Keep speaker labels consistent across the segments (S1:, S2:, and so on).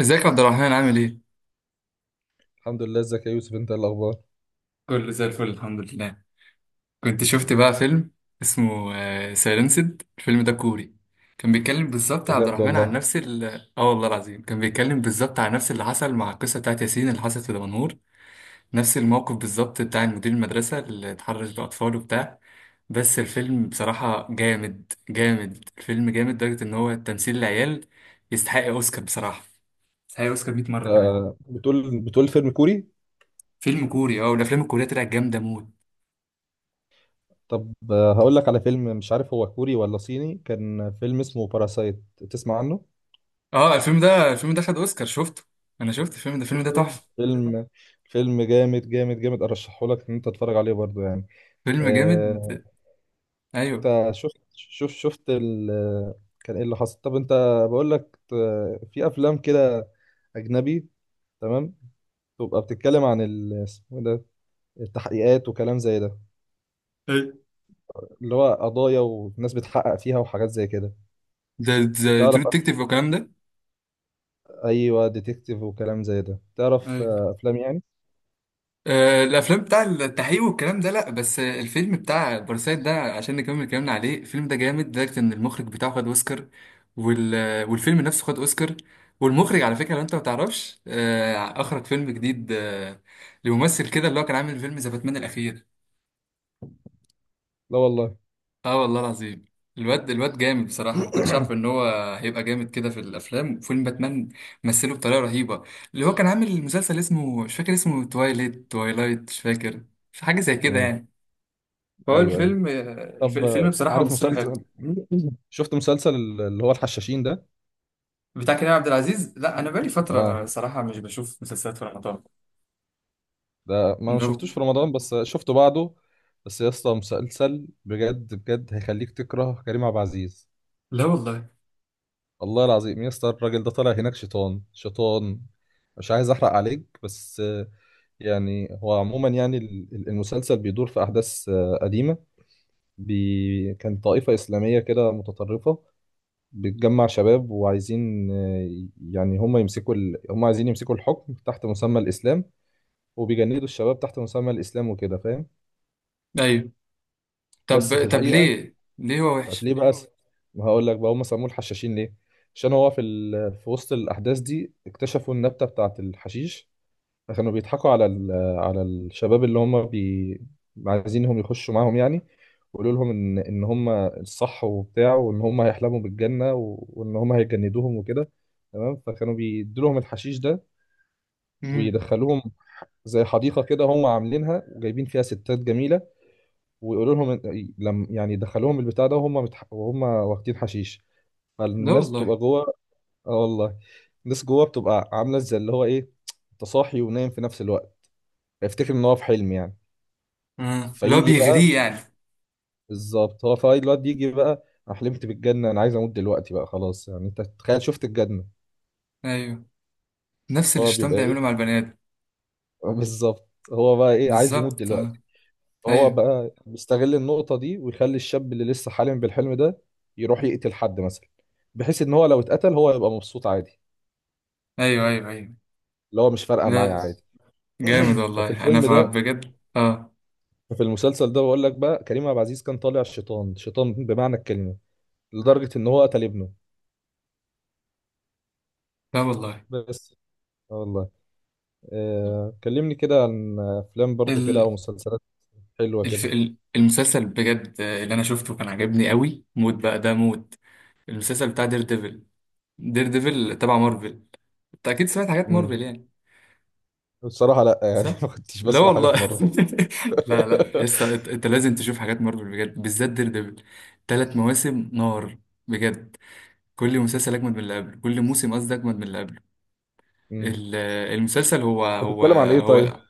S1: ازيك يا عبد الرحمن، عامل ايه؟
S2: الحمد لله، ازيك يا يوسف؟ انت ايه الاخبار؟
S1: كله زي الفل الحمد لله. كنت شفت بقى فيلم اسمه سايلنسد. الفيلم ده كوري. كان بيتكلم بالظبط يا عبد
S2: بجد
S1: الرحمن عن
S2: والله.
S1: نفس ال... اه، والله العظيم كان بيتكلم بالظبط عن نفس اللي حصل مع القصة بتاعت ياسين اللي حصلت في دمنهور. نفس الموقف بالظبط، بتاع مدير المدرسة اللي اتحرش بأطفال وبتاع. بس الفيلم بصراحة جامد جامد. الفيلم جامد لدرجة ان هو تمثيل العيال يستحق اوسكار بصراحة. يستحق اوسكار 100 مرة كمان.
S2: آه، بتقول فيلم كوري؟
S1: فيلم كوري، اه، والافلام الكورية طلعت جامدة موت.
S2: طب، هقول لك على فيلم مش عارف هو كوري ولا صيني، كان فيلم اسمه باراسايت. تسمع عنه؟
S1: اه، الفيلم ده، الفيلم ده خد اوسكار، شفته. انا شفت الفيلم ده،
S2: شفته،
S1: تحفه.
S2: فيلم فيلم جامد جامد جامد، ارشحه لك ان انت تتفرج عليه برضو يعني.
S1: فيلم جامد.
S2: آه،
S1: ايوه
S2: انت شفت. كان ايه اللي حصل؟ طب انت، بقول لك في افلام كده، اجنبي، تمام. تبقى بتتكلم عن اسمه إيه ده، التحقيقات وكلام زي ده،
S1: ايوه.
S2: اللي هو قضايا وناس بتحقق فيها وحاجات زي كده.
S1: ده ده
S2: تعرف
S1: ترو ديتكتيف والكلام ده.
S2: ايوه، ديتكتيف وكلام زي ده، تعرف،
S1: ايوه.
S2: افلام يعني.
S1: آه، الافلام بتاع التحقيق والكلام ده، لا، بس الفيلم بتاع باراسايت ده، عشان نكمل كلامنا عليه، الفيلم ده جامد لدرجه ان المخرج بتاعه خد اوسكار، وال... والفيلم نفسه خد اوسكار. والمخرج، على فكره، لو انت ما تعرفش، اخرج فيلم جديد لممثل كده، اللي هو كان عامل فيلم ذا باتمان الاخير.
S2: لا والله.
S1: اه، والله العظيم. الواد جامد بصراحة. ما كنتش عارف ان هو هيبقى جامد كده في الافلام. فيلم باتمان مثله بطريقة رهيبة. اللي هو كان عامل مسلسل اسمه، مش فاكر اسمه، توايلايت. مش فاكر، في حاجة زي كده
S2: امم.
S1: يعني. فهو
S2: ايوه ايوه.
S1: الفيلم،
S2: طب،
S1: الفيلم بصراحة
S2: عارف
S1: مثله حلو.
S2: مسلسل؟ شفت مسلسل اللي هو الحشاشين ده؟
S1: بتاع كريم عبد العزيز؟ لا، انا بقالي
S2: اه.
S1: فترة صراحة مش بشوف مسلسلات في رمضان.
S2: ده ما
S1: لا.
S2: شفتوش في رمضان، بس شفته بعده. بس يا اسطى، مسلسل بجد بجد هيخليك تكره كريم عبد العزيز.
S1: لا والله.
S2: والله العظيم يا اسطى، الراجل ده طالع هناك شيطان شيطان. مش عايز احرق عليك بس. يعني هو عموما، يعني المسلسل بيدور في أحداث قديمة. كان طائفة إسلامية كده متطرفة، بتجمع شباب وعايزين، يعني هم عايزين يمسكوا الحكم تحت مسمى الإسلام، وبيجندوا الشباب تحت مسمى الإسلام وكده، فاهم؟
S1: ايوه.
S2: بس في
S1: طب، طب
S2: الحقيقة،
S1: ليه، هو وحش؟
S2: ليه بقى هقول لك بقى، هم سموه الحشاشين ليه. عشان هو في وسط الأحداث دي اكتشفوا النبتة بتاعة الحشيش. كانوا بيضحكوا على الشباب اللي عايزينهم يخشوا معاهم يعني. وقالوا لهم ان هم الصح وبتاع، وان هم هيحلموا بالجنه و... وان هم هيجندوهم وكده. تمام، فكانوا بيدوا لهم الحشيش ده،
S1: امم.
S2: ويدخلوهم زي حديقه كده هم عاملينها، وجايبين فيها ستات جميله. ويقولوا لهم إن- لم يعني يدخلوهم البتاع ده وهم وهم واخدين حشيش.
S1: لا
S2: فالناس
S1: والله.
S2: بتبقى جوه. اه والله. الناس جوه بتبقى عامله زي اللي هو ايه، انت صاحي ونايم في نفس الوقت، افتكر ان هو في حلم يعني.
S1: آه، اللي هو
S2: فيجي بقى،
S1: بيغريه يعني.
S2: بالظبط، هو فاي، الواد يجي بقى انا حلمت بالجنه، انا عايز اموت دلوقتي بقى خلاص، يعني انت تخيل، شفت الجنه.
S1: ايوه. نفس اللي
S2: هو
S1: الشيطان
S2: بيبقى ايه؟
S1: بيعمله مع البنات.
S2: بالظبط، هو بقى ايه، عايز يموت
S1: بالظبط، اه.
S2: دلوقتي. فهو
S1: ايوه
S2: بقى بيستغل النقطه دي، ويخلي الشاب اللي لسه حالم بالحلم ده يروح يقتل حد مثلا، بحيث ان هو لو اتقتل هو يبقى مبسوط عادي.
S1: ايوه ايوه. ايوه.
S2: اللي هو مش فارقه معايا
S1: لا.
S2: عادي.
S1: جامد
S2: ففي
S1: والله، انا
S2: الفيلم
S1: فاهم
S2: ده
S1: بجد، اه.
S2: في المسلسل ده بقول لك بقى، كريم عبد العزيز كان طالع شيطان شيطان بمعنى الكلمه، لدرجه ان هو قتل ابنه.
S1: لا والله.
S2: بس. آه والله. كلمني كده عن افلام برضو كده
S1: ال...
S2: او مسلسلات حلوه كده.
S1: المسلسل بجد اللي انا شفته كان عجبني قوي موت بقى، ده موت. المسلسل بتاع دير ديفل. دير ديفل تبع مارفل. انت اكيد سمعت حاجات مارفل
S2: امم.
S1: يعني.
S2: بصراحه، لا يعني،
S1: صح.
S2: ما كنتش
S1: لا
S2: بسمع حاجه
S1: والله.
S2: مارفل.
S1: لا لا يسطا، أنت لازم تشوف حاجات مارفل بجد، بالذات دير ديفل. ثلاث مواسم نار، بجد. كل مسلسل اجمد من اللي قبله، كل موسم، قصدي، اجمد من اللي قبله.
S2: امم
S1: ال- المسلسل، هو
S2: انت
S1: هو
S2: بتتكلم عن ايه طيب؟
S1: هو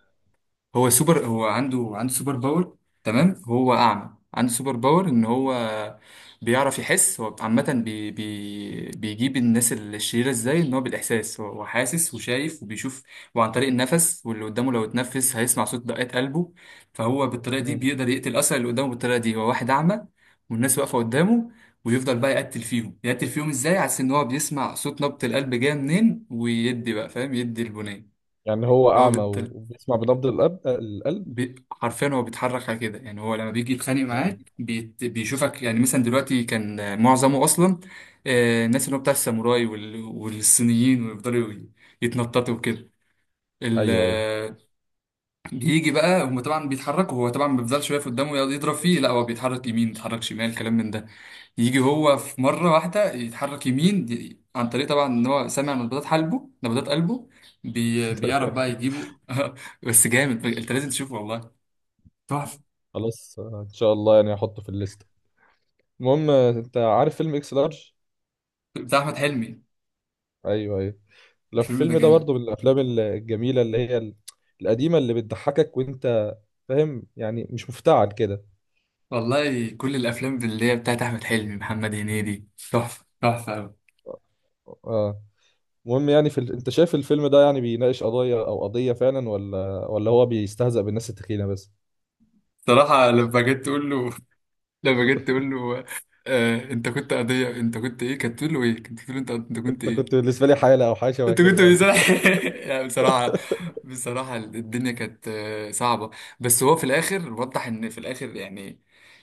S1: هو سوبر، هو عنده، سوبر باور. تمام، هو اعمى، عنده سوبر باور ان هو بيعرف يحس. هو عامة بي بي بيجيب الناس الشريرة ازاي. ان هو بالاحساس، هو حاسس وشايف وبيشوف. وعن طريق النفس، واللي قدامه لو اتنفس هيسمع صوت دقات قلبه. فهو بالطريقة دي
S2: امم
S1: بيقدر يقتل اصلا اللي قدامه. بالطريقة دي هو واحد اعمى والناس واقفة قدامه، ويفضل بقى يقتل فيهم، يقتل فيهم ازاي؟ عشان ان هو بيسمع صوت نبض القلب جاية منين، ويدي بقى، فاهم، يدي البنية.
S2: يعني هو
S1: هو
S2: اعمى
S1: بالت-
S2: وبيسمع بنبض القلب؟
S1: حرفيا هو بيتحرك على كده. يعني هو لما بيجي يتخانق
S2: امم.
S1: معاك بيشوفك. يعني مثلا دلوقتي كان، معظمه اصلا، الناس اللي هو بتاع الساموراي والصينيين، ويفضلوا يتنططوا وكده. ال...
S2: ايوه ايوه.
S1: آه، بيجي بقى، هم طبعا بيتحركوا، هو طبعا ما بيفضلش واقف قدامه يقعد يضرب فيه، لا، هو بيتحرك يمين، بيتحرك شمال، كلام من ده. يجي هو في مرة واحدة يتحرك يمين، عن طريق طبعا ان هو سامع نبضات قلبه، بيعرف بقى يجيبه. بس جامد، انت لازم تشوفه والله. تحفة.
S2: خلاص، ان شاء الله يعني، هحطه في الليست. المهم، انت عارف فيلم اكس لارج؟
S1: بتاع احمد حلمي.
S2: ايوه ايوه. لا،
S1: الفيلم ده
S2: الفيلم ده
S1: جامد.
S2: برضو من الافلام الجميله اللي هي القديمه، اللي بتضحكك وانت فاهم يعني، مش مفتعل كده.
S1: والله كل الافلام اللي هي بتاعت احمد حلمي، محمد هنيدي، تحفه، تحفه قوي.
S2: آه، آه. المهم يعني انت شايف الفيلم ده يعني بيناقش قضايا او قضية فعلا، ولا هو بيستهزأ بالناس التخينة بس؟
S1: صراحه لما جيت تقول له، لما جيت تقول له آه انت كنت قضيه، انت كنت ايه، كانت تقول له ايه، كانت تقول له، انت، كنت
S2: انت
S1: ايه؟
S2: كنت بالنسبة لي حالة او حاجة شبه
S1: انت كنت
S2: كده.
S1: بصراحة، لا، بصراحة، الدنيا كانت، صعبة. بس هو في الآخر وضح إن في الآخر يعني،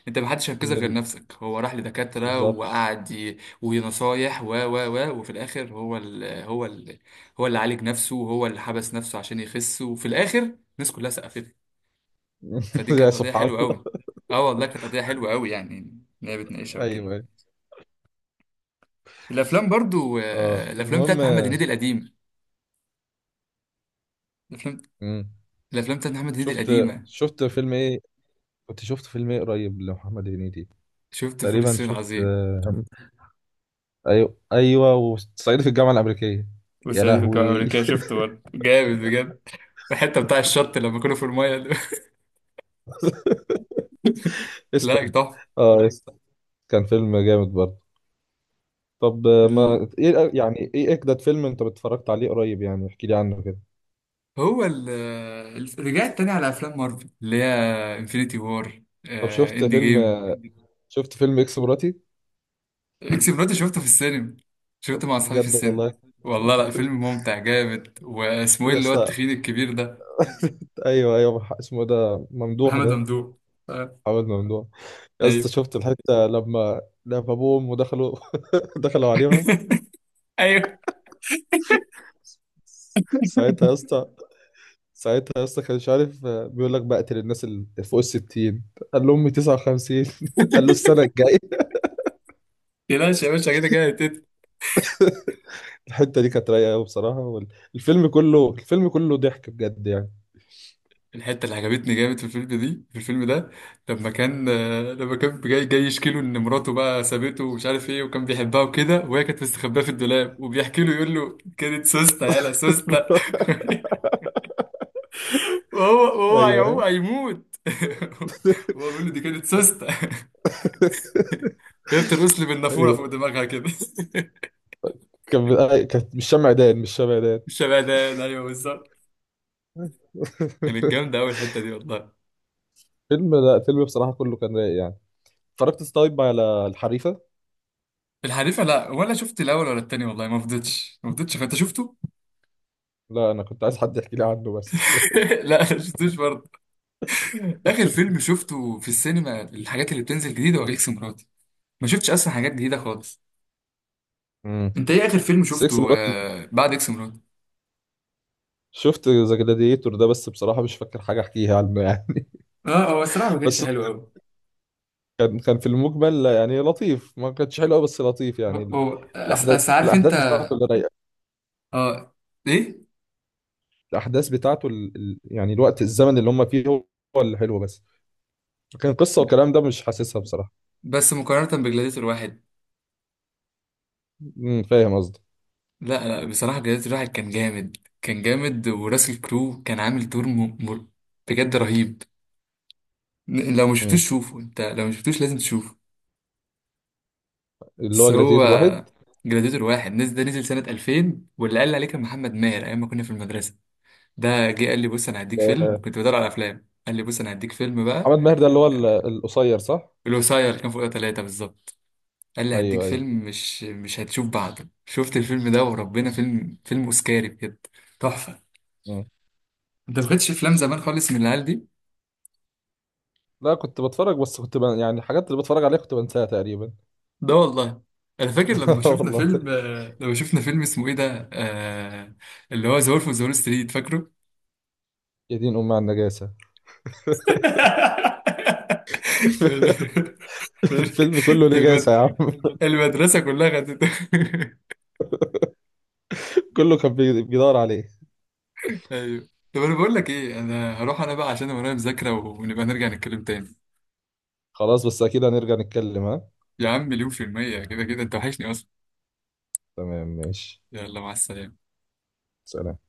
S1: أنت محدش هينقذك
S2: من
S1: غير
S2: ال...
S1: نفسك. هو راح لدكاترة
S2: بالظبط.
S1: وقعد ونصايح و وفي الآخر هو هو اللي عالج نفسه، وهو اللي حبس نفسه عشان يخس، وفي الآخر الناس كلها سقفت له. فدي
S2: يا
S1: كانت قضية
S2: سبحان
S1: حلوة
S2: الله.
S1: أوي. أه والله كانت قضية حلوة أوي يعني، إن هي بتناقشها
S2: ايوه
S1: وكده.
S2: ايوه.
S1: الأفلام برضو،
S2: اه،
S1: الأفلام
S2: المهم.
S1: بتاعت محمد هنيدي القديم. الأفلام
S2: مم.
S1: الأفلام بتاعت محمد هنيدي
S2: شفت
S1: القديمة.
S2: شفت فيلم ايه؟ كنت شفت فيلم ايه قريب لمحمد هنيدي؟
S1: شفت فول
S2: تقريبا
S1: الصين
S2: شفت،
S1: العظيم،
S2: ايوه ايوه، وصعيدي في الجامعة الأمريكية. يا
S1: وصعيدي في الجامعة
S2: لهوي.
S1: الأمريكية. شفته برضه جامد بجد. الحته بتاع الشط لما كانوا في المايه ده.
S2: اسمه.
S1: لا، تحفه.
S2: اه يس. كان فيلم جامد برضه. طب
S1: ال...
S2: ما ايه، يعني ايه اجدد فيلم انت اتفرجت عليه قريب؟ يعني احكي لي عنه كده.
S1: هو ال ال- رجعت تاني على افلام مارفل، اللي هي انفينيتي وار،
S2: طب، شفت
S1: اند
S2: فيلم؟
S1: جيم.
S2: شفت فيلم اكس مراتي؟
S1: اكس مراتي شفته في السينما. شفته مع اصحابي في
S2: بجد
S1: السينما.
S2: والله؟
S1: والله. لا، فيلم ممتع جامد. واسمه ايه
S2: يا
S1: اللي هو
S2: اسطى.
S1: التخين الكبير ده؟
S2: ايوه ايوه، اسمه إيه ده، ممدوح
S1: محمد
S2: ده؟
S1: ممدوح. آه.
S2: حاول ممدوح. يا اسطى،
S1: ايوه
S2: شفت الحته لما ابوه وامه دخلوا عليهم؟
S1: ايوه.
S2: ساعتها يا اسطى ساعتها يا اسطى، كان مش عارف، بيقول لك بقتل الناس اللي فوق ال 60، قال له امي 59، قال له السنه الجايه.
S1: تلاش يا باشا، كده كده.
S2: الحته دي كانت رايقه قوي بصراحه، الفيلم كله ضحك بجد يعني.
S1: الحته اللي عجبتني جامد في الفيلم دي، في الفيلم ده، لما كان، لما كان جاي جاي يشكي له ان مراته بقى سابته ومش عارف ايه وكان بيحبها وكده، وهي كانت مستخباه في الدولاب، وبيحكي له يقول له كانت سوسته يالا سوسته. وهو
S2: ايوه
S1: هيعوم
S2: ايوه
S1: هيموت. وهو بيقول له دي كانت سوسته. وهي بترقص لي بالنافوره
S2: ايوه.
S1: فوق دماغها كده.
S2: كان، كانت مش شمع دان.
S1: شبهدان، ايوه بالظبط. كانت جامده قوي الحته دي والله.
S2: فيلم لا فيلم بصراحه كله كان رايق يعني. اتفرجت طيب على الحريفه؟
S1: الحريفه، لا، ولا شفت الاول ولا التاني، والله ما فضيتش، ما فضيتش. انت شفته؟
S2: لا، انا كنت عايز حد يحكي لي عنه بس.
S1: لا، ما شفتوش برضه. اخر فيلم شفته في السينما، الحاجات اللي بتنزل جديده، هو اكس مراتي. ما شفتش اصلا حاجات جديده خالص.
S2: امم
S1: انت ايه اخر فيلم
S2: سكس
S1: شفته،
S2: مرات.
S1: بعد اكس مراتي؟
S2: شفت ذا جلاديتور ده، بس بصراحه مش فاكر حاجه احكيها عنه يعني.
S1: اه، هو الصراحه ما كانتش
S2: بس
S1: حلو قوي.
S2: كان في المقبل يعني لطيف، ما كانتش حلوه بس لطيف يعني
S1: أس، عارف انت.
S2: الاحداث بتاعته اللي رايقه.
S1: اه. ايه؟
S2: الاحداث بتاعته يعني الوقت، الزمن اللي هم فيه هو، هو اللي حلو بس. لكن قصه والكلام ده مش حاسسها بصراحه.
S1: بس مقارنه بجلاديتور واحد،
S2: فاهم قصدي؟
S1: لا لا، بصراحه جلاديتور واحد كان جامد. كان جامد. وراسل كرو كان عامل دور بجد رهيب. لو ما
S2: امم
S1: شفتوش شوفه. انت لو ما شفتوش لازم تشوفه.
S2: اللي
S1: بس
S2: هو
S1: هو
S2: جلاتيتور واحد،
S1: جلاديتور واحد نزل ده نزل سنة 2000، واللي قال لي عليه كان محمد ماهر أيام ما كنا في المدرسة. ده جه قال لي بص أنا هديك فيلم.
S2: آه،
S1: كنت بدور على أفلام، قال لي بص أنا هديك فيلم بقى.
S2: محمد ماهر ده اللي هو القصير صح؟
S1: الوصاية اللي كان فوقها ثلاثة بالظبط. قال لي هديك
S2: ايوه ايوه.
S1: فيلم مش هتشوف بعده. شفت الفيلم ده وربنا، فيلم، فيلم أوسكاري بجد. تحفة.
S2: مم.
S1: أنت ما خدتش أفلام زمان خالص من العيال دي؟
S2: لا، كنت بتفرج بس يعني الحاجات اللي بتفرج عليها كنت بنساها تقريبا.
S1: ده والله أنا فاكر لما شفنا
S2: والله.
S1: فيلم، لما شفنا فيلم اسمه إيه ده، اللي هو ذا وولف أوف ستريت، فاكره؟
S2: يا دين امي على النجاسه.
S1: في ال-
S2: الفيلم كله
S1: في
S2: نجاسه يا
S1: المد...
S2: عم.
S1: المدرسة كلها خدت.
S2: كله كان بيدور عليه.
S1: ايوه. طب انا بقول لك ايه، انا هروح انا بقى عشان ورايا مذاكرة، ونبقى نرجع نتكلم تاني.
S2: خلاص، بس اكيد هنرجع نتكلم، ها؟
S1: يا عم مليون في المية، كده كده انت وحشني اصلا.
S2: تمام ماشي.
S1: يلا، مع السلامة.
S2: سلام.